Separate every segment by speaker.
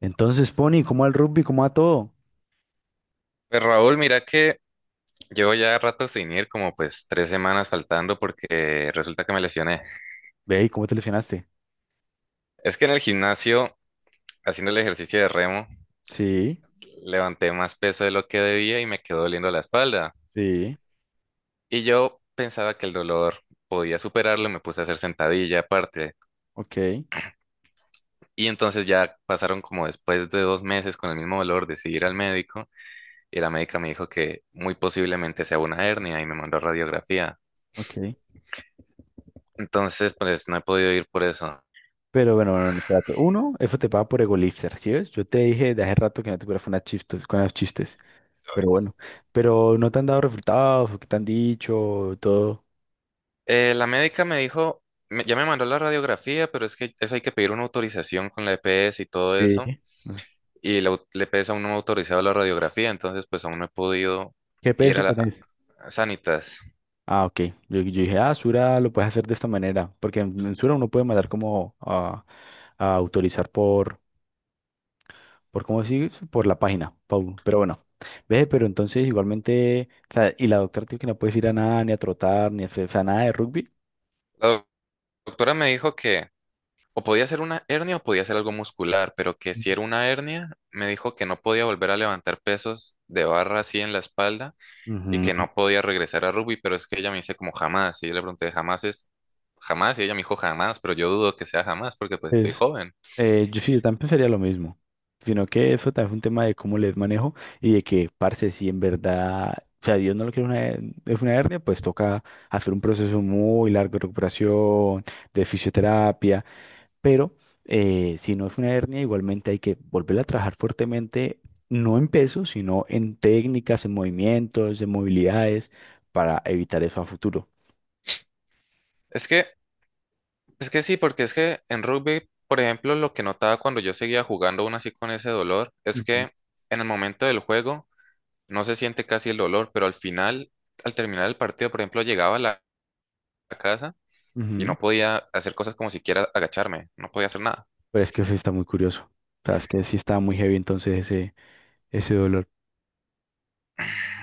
Speaker 1: Entonces, Pony, ¿cómo al rugby? ¿Cómo a todo?
Speaker 2: Pues Raúl, mira que llevo ya rato sin ir, como pues tres semanas faltando porque resulta que me lesioné.
Speaker 1: Ve, ¿y cómo te lesionaste?
Speaker 2: Es que en el gimnasio, haciendo el ejercicio de remo,
Speaker 1: Sí,
Speaker 2: levanté más peso de lo que debía y me quedó doliendo la espalda.
Speaker 1: sí,
Speaker 2: Y yo pensaba que el dolor podía superarlo, me puse a hacer sentadilla aparte.
Speaker 1: ok,
Speaker 2: Y entonces ya pasaron como después de dos meses con el mismo dolor, decidí ir al médico y la médica me dijo que muy posiblemente sea una hernia y me mandó a radiografía.
Speaker 1: ok.
Speaker 2: Entonces, pues no he podido ir por eso.
Speaker 1: Pero bueno, bueno, bueno, espérate. Uno, eso te paga por egolifter, ¿sí ves? Yo te dije de hace rato que no te fueras con las chistes, con los chistes. Pero bueno, pero no te han dado resultados, o qué te han dicho, todo.
Speaker 2: La médica me dijo, ya me mandó la radiografía, pero es que eso hay que pedir una autorización con la EPS y todo
Speaker 1: Sí.
Speaker 2: eso.
Speaker 1: Ah,
Speaker 2: Y la EPS aún no me ha autorizado la radiografía, entonces pues aún no he podido
Speaker 1: ¿qué
Speaker 2: ir
Speaker 1: peso
Speaker 2: a la
Speaker 1: tenés?
Speaker 2: a Sanitas.
Speaker 1: Ah, ok. Yo, dije, ah, Sura lo puedes hacer de esta manera, porque en Sura uno puede mandar como a autorizar por, ¿por cómo decir? Por la página, Paul. Pero bueno, ve, pero entonces igualmente, o sea, y la doctora dijo que no puedes ir a nada, ni a trotar, ni a, o sea, nada de rugby.
Speaker 2: La doc- Doctora me dijo que, o podía ser una hernia o podía ser algo muscular, pero que si era una hernia, me dijo que no podía volver a levantar pesos de barra así en la espalda y
Speaker 1: Ujú.
Speaker 2: que no podía regresar a rugby, pero es que ella me dice como jamás, y yo le pregunté, jamás es jamás, y ella me dijo jamás, pero yo dudo que sea jamás porque pues estoy
Speaker 1: Pues,
Speaker 2: joven.
Speaker 1: yo sí, yo también pensaría lo mismo, sino que eso también fue un tema de cómo les manejo y de que, parce, si en verdad, o sea, Dios no lo quiere una, es una hernia, pues toca hacer un proceso muy largo de recuperación, de fisioterapia, pero si no es una hernia, igualmente hay que volverla a trabajar fuertemente, no en peso, sino en técnicas, en movimientos, en movilidades, para evitar eso a futuro.
Speaker 2: Es que, es que sí, porque es que en rugby, por ejemplo, lo que notaba cuando yo seguía jugando aún así con ese dolor, es
Speaker 1: Ujú.
Speaker 2: que en el momento del juego no se siente casi el dolor, pero al final, al terminar el partido, por ejemplo, llegaba a la a casa y
Speaker 1: Ujú.
Speaker 2: no podía hacer cosas como siquiera agacharme, no podía hacer nada.
Speaker 1: Pero es que eso sí está muy curioso. O sea, es que sí está muy heavy entonces ese dolor.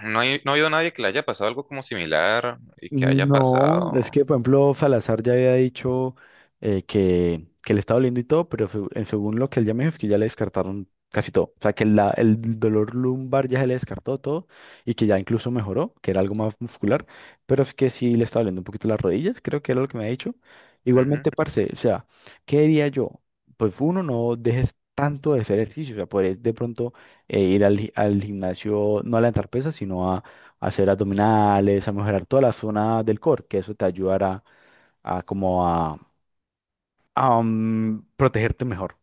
Speaker 2: No ha habido nadie que le haya pasado algo como similar y que haya
Speaker 1: No,
Speaker 2: pasado.
Speaker 1: es que por ejemplo Salazar ya había dicho que le estaba doliendo y todo, pero según lo que él ya me dijo, es que ya le descartaron casi todo. O sea, que el dolor lumbar ya se le descartó todo y que ya incluso mejoró, que era algo más muscular, pero es que sí le estaba doliendo un poquito las rodillas, creo que era lo que me ha dicho.
Speaker 2: Ujú.
Speaker 1: Igualmente, parce, o sea, ¿qué diría yo? Pues uno, no dejes tanto de hacer ejercicio, o sea, podés de pronto ir al, al gimnasio, no a levantar pesas, sino a hacer abdominales, a mejorar toda la zona del core, que eso te ayudará a, como a, protegerte mejor.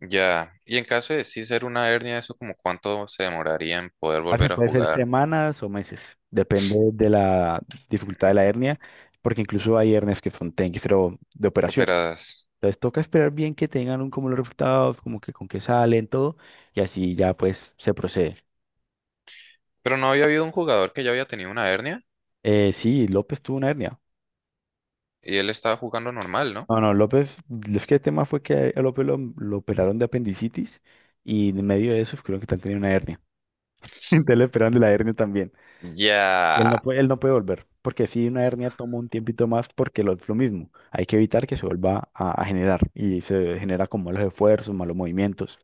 Speaker 2: Ya, y en caso de sí ser una hernia, eso como cuánto se demoraría en poder
Speaker 1: Parece,
Speaker 2: volver a
Speaker 1: puede ser
Speaker 2: jugar.
Speaker 1: semanas o meses, depende de la dificultad de
Speaker 2: Mm.
Speaker 1: la hernia, porque incluso hay hernias que son pero de operación.
Speaker 2: Operas.
Speaker 1: Entonces toca esperar bien que tengan un, como los resultados, como que con qué salen, todo, y así ya pues se procede.
Speaker 2: Pero no había habido un jugador que ya había tenido una hernia
Speaker 1: Sí, López tuvo una hernia.
Speaker 2: y él estaba jugando normal, ¿no?
Speaker 1: No, no, López, es que el tema fue que a López lo operaron de apendicitis y en medio de eso creo que también tenía una hernia. Entonces le operan de la hernia también. Y
Speaker 2: Ya.
Speaker 1: él no puede volver, porque si una hernia toma un tiempito más, porque lo mismo, hay que evitar que se vuelva a generar y se genera con malos esfuerzos, malos movimientos.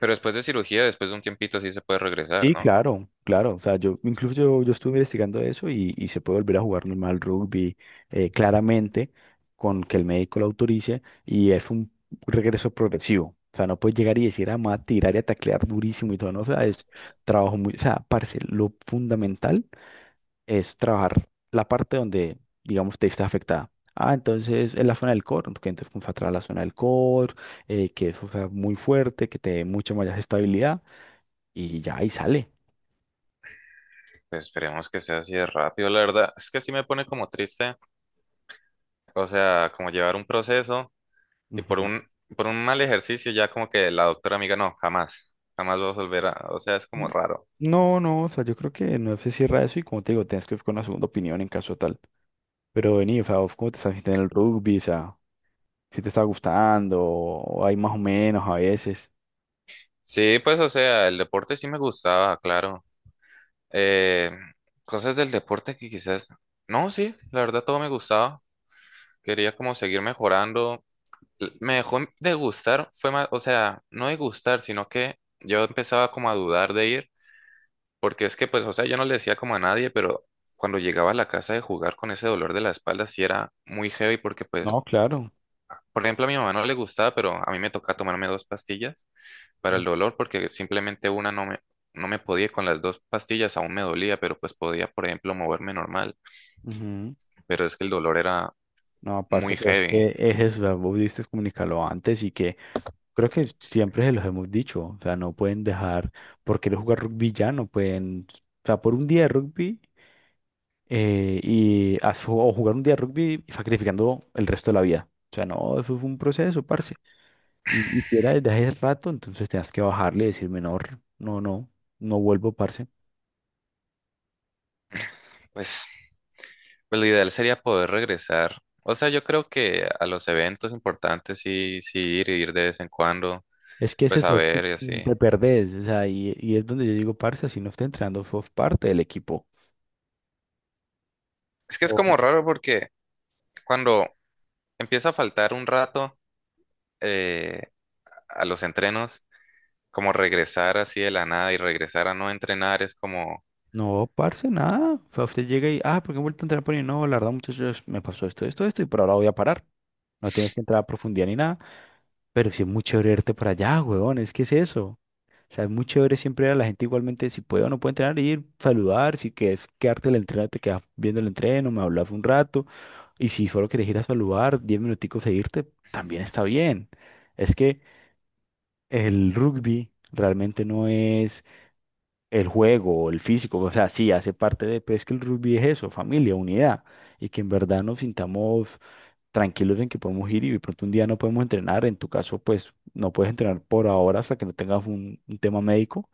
Speaker 2: Pero después de cirugía, después de un tiempito, sí se puede regresar,
Speaker 1: Sí,
Speaker 2: ¿no?
Speaker 1: claro, claro. O sea, yo incluso yo, estuve investigando eso y se puede volver a jugar normal rugby claramente con que el médico lo autorice y es un regreso progresivo. O sea, no puedes llegar y decir, ah, me voy a tirar y a taclear durísimo y todo, no, o sea, es trabajo muy, o sea, parce, lo fundamental es trabajar la parte donde, digamos, te viste afectada. Ah, entonces es la zona del core, que entonces fue a trabajar la zona del core, que eso sea muy fuerte, que te dé mucha más estabilidad y ya ahí sale.
Speaker 2: Pues esperemos que sea así de rápido, la verdad. Es que sí me pone como triste. O sea, como llevar un proceso. Y por
Speaker 1: Ujú.
Speaker 2: por un mal ejercicio ya como que la doctora amiga, no, jamás, jamás vas a volver a, o sea, es como raro.
Speaker 1: No, no, o sea, yo creo que no se cierra eso y como te digo, tienes que ir con una segunda opinión en caso tal. Pero vení, o sea, ¿vos ¿cómo te estás sintiendo en el rugby? O sea, si te está gustando, o hay más o menos a veces.
Speaker 2: Sí, pues, o sea, el deporte sí me gustaba, claro. Eh, cosas del deporte que quizás, no, sí, la verdad todo me gustaba. Quería como seguir mejorando. Me dejó de gustar, fue más, o sea, no de gustar, sino que yo empezaba como a dudar de ir, porque es que, pues, o sea, yo no le decía como a nadie, pero cuando llegaba a la casa de jugar con ese dolor de la espalda, sí era muy heavy, porque
Speaker 1: No,
Speaker 2: pues,
Speaker 1: claro.
Speaker 2: por ejemplo, a mi mamá no le gustaba, pero a mí me tocaba tomarme dos pastillas para
Speaker 1: Mm,
Speaker 2: el dolor porque simplemente una no me, no me podía, y con las dos pastillas, aún me dolía, pero pues podía, por ejemplo, moverme normal,
Speaker 1: ujú.
Speaker 2: pero es que el dolor era
Speaker 1: No, parce,
Speaker 2: muy
Speaker 1: pero es
Speaker 2: heavy.
Speaker 1: que es eso, o sea, vos diste comunicarlo antes y que creo que siempre se los hemos dicho, o sea, no pueden dejar, por querer jugar rugby ya, no pueden, o sea, por un día de rugby y a o jugar un día de rugby sacrificando el resto de la vida. O sea, no, eso fue un proceso, parce. Y si era desde hace rato, entonces tenías que bajarle y decirme, no, no, no, no vuelvo, parce.
Speaker 2: Pues, pues lo ideal sería poder regresar. O sea, yo creo que a los eventos importantes sí, sí ir, ir de vez en cuando,
Speaker 1: Es que ese
Speaker 2: pues
Speaker 1: es
Speaker 2: a
Speaker 1: eso, que
Speaker 2: ver y
Speaker 1: te
Speaker 2: así.
Speaker 1: perdés, o sea, y es donde yo digo, parce, si no está entrenando, sos parte del equipo.
Speaker 2: Es que es como raro porque cuando empieza a faltar un rato eh, a los entrenos, como regresar así de la nada y regresar a no entrenar es como...
Speaker 1: No, parce, nada. O sea, usted llega y, ah, ¿por qué he vuelto a entrar por ahí? No, la verdad, muchachos, me pasó esto, esto, esto, y por ahora voy a parar. No tienes que entrar a profundidad ni nada, pero sí es muy chévere irte para allá, weón, es que es eso. O sea, es muy chévere siempre a la gente igualmente, si puede o no puede entrenar, ir, saludar, si quieres quedarte en el entreno, te quedas viendo el entreno, me hablas un rato, y si solo quieres ir a saludar, 10 minuticos e irte, también está bien. Es que el rugby realmente no es el juego, el físico, o sea, sí, hace parte de, pero es que el rugby es eso, familia, unidad, y que en verdad nos sintamos tranquilos en que podemos ir y de pronto un día no podemos entrenar, en tu caso, pues no puedes entrenar por ahora hasta que no tengas un tema médico,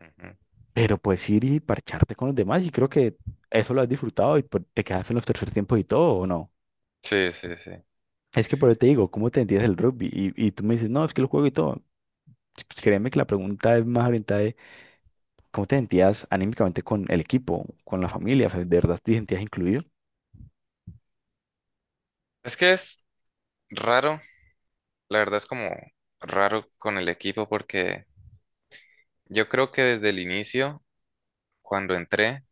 Speaker 2: Ujú.
Speaker 1: pero puedes ir y parcharte con los demás y creo que eso lo has disfrutado y pues, te quedas en los tercer tiempos y todo, ¿o no?
Speaker 2: Sí, sí, sí.
Speaker 1: Es que por eso te digo, ¿cómo te entiendes el rugby? Y tú me dices, no, es que lo juego y todo. Créeme que la pregunta es más orientada. ¿Cómo te sentías anímicamente con el equipo, con la familia? O sea, ¿de verdad te sentías incluido?
Speaker 2: Es que es raro, la verdad es como raro con el equipo porque yo creo que desde el inicio, cuando entré,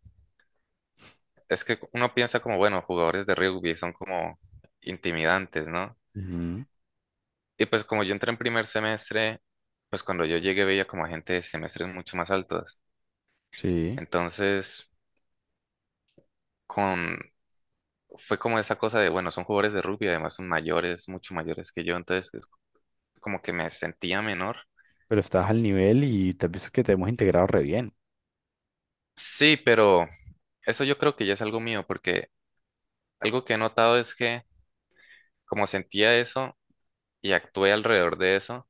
Speaker 2: es que uno piensa como, bueno, jugadores de rugby son como intimidantes, ¿no?
Speaker 1: Ujú,
Speaker 2: Y pues como yo entré en primer semestre, pues cuando yo llegué veía como a gente de semestres mucho más altos.
Speaker 1: sí,
Speaker 2: Entonces, con... fue como esa cosa de, bueno, son jugadores de rugby, además son mayores, mucho mayores que yo, entonces como que me sentía menor.
Speaker 1: pero estás al nivel y te has visto que te hemos integrado re bien.
Speaker 2: Sí, pero eso yo creo que ya es algo mío, porque algo que he notado es que como sentía eso y actué alrededor de eso,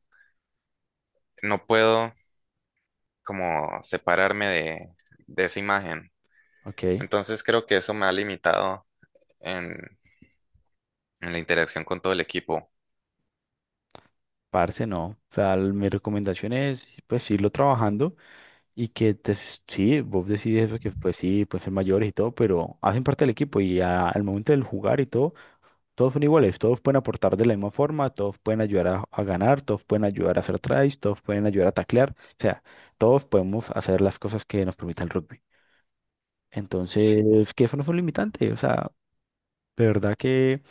Speaker 2: no puedo como separarme de esa imagen.
Speaker 1: Ok,
Speaker 2: Entonces creo que eso me ha limitado en, en la interacción con todo el equipo.
Speaker 1: parce, no. O sea, mi recomendación es, pues, irlo trabajando y que te, sí, vos decides eso, que pues sí, pueden ser mayores y todo, pero hacen parte del equipo y al momento del jugar y todo. Todos son iguales, todos pueden aportar de la misma forma, todos pueden ayudar a ganar, todos pueden ayudar a hacer tries, todos pueden ayudar a taclear, o sea, todos podemos hacer las cosas que nos permita el rugby.
Speaker 2: Sí.
Speaker 1: Entonces, que eso no es un limitante, o sea, de verdad que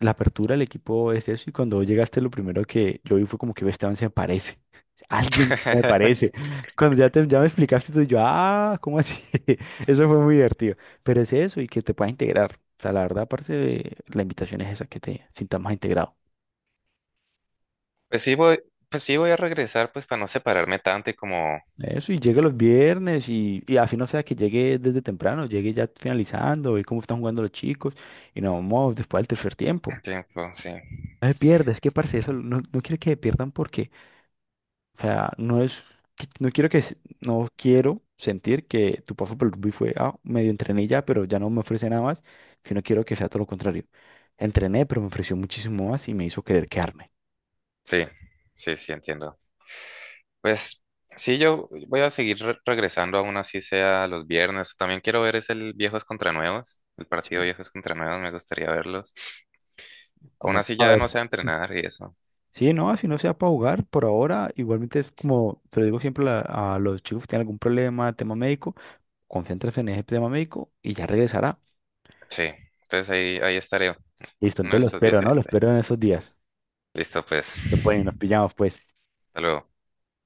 Speaker 1: la apertura del equipo es eso y cuando vos llegaste lo primero que yo vi fue como que "Ve, Esteban se me parece. Alguien me parece". Cuando ya, te, ya me explicaste tú, yo, ah, ¿cómo así? Eso fue muy divertido. Pero es eso y que te puedas integrar. O sea, la verdad, aparte, de la invitación es esa, que te sientas más integrado.
Speaker 2: Pues sí voy, pues sí voy a regresar pues para no separarme tanto y como
Speaker 1: Eso, y llegue los viernes y así no sea que llegue desde temprano, llegue ya finalizando, ve cómo están jugando los chicos y nos vamos después del tercer tiempo.
Speaker 2: tiempo, sí.
Speaker 1: No se pierda, es que parce, eso no, no quiero que se pierdan porque o sea, no es, no quiero que, no quiero sentir que tu paso por el rugby fue, ah, medio entrené ya, pero ya no me ofrece nada más, sino quiero que sea todo lo contrario. Entrené, pero me ofreció muchísimo más y me hizo querer quedarme.
Speaker 2: Sí, sí, sí, entiendo. Pues sí, yo voy a seguir regresando, aún así sea los viernes. También quiero ver es el Viejos contra Nuevos, el partido
Speaker 1: Sí.
Speaker 2: Viejos contra Nuevos, me gustaría verlos. Aún
Speaker 1: No,
Speaker 2: así
Speaker 1: a
Speaker 2: ya
Speaker 1: ver.
Speaker 2: no sé entrenar y eso.
Speaker 1: Sí, no, si no sea para jugar, por ahora, igualmente es como, te lo digo siempre a, a los chicos que tienen algún problema, tema médico, concéntrate en ese tema médico y ya regresará.
Speaker 2: Sí, entonces ahí, ahí estaré.
Speaker 1: Listo,
Speaker 2: Uno de
Speaker 1: entonces lo
Speaker 2: estos días
Speaker 1: espero,
Speaker 2: ahí
Speaker 1: ¿no? Lo
Speaker 2: estaré.
Speaker 1: espero en esos días.
Speaker 2: Listo, pues.
Speaker 1: Lo pueden, nos pillamos, pues.
Speaker 2: Hasta luego.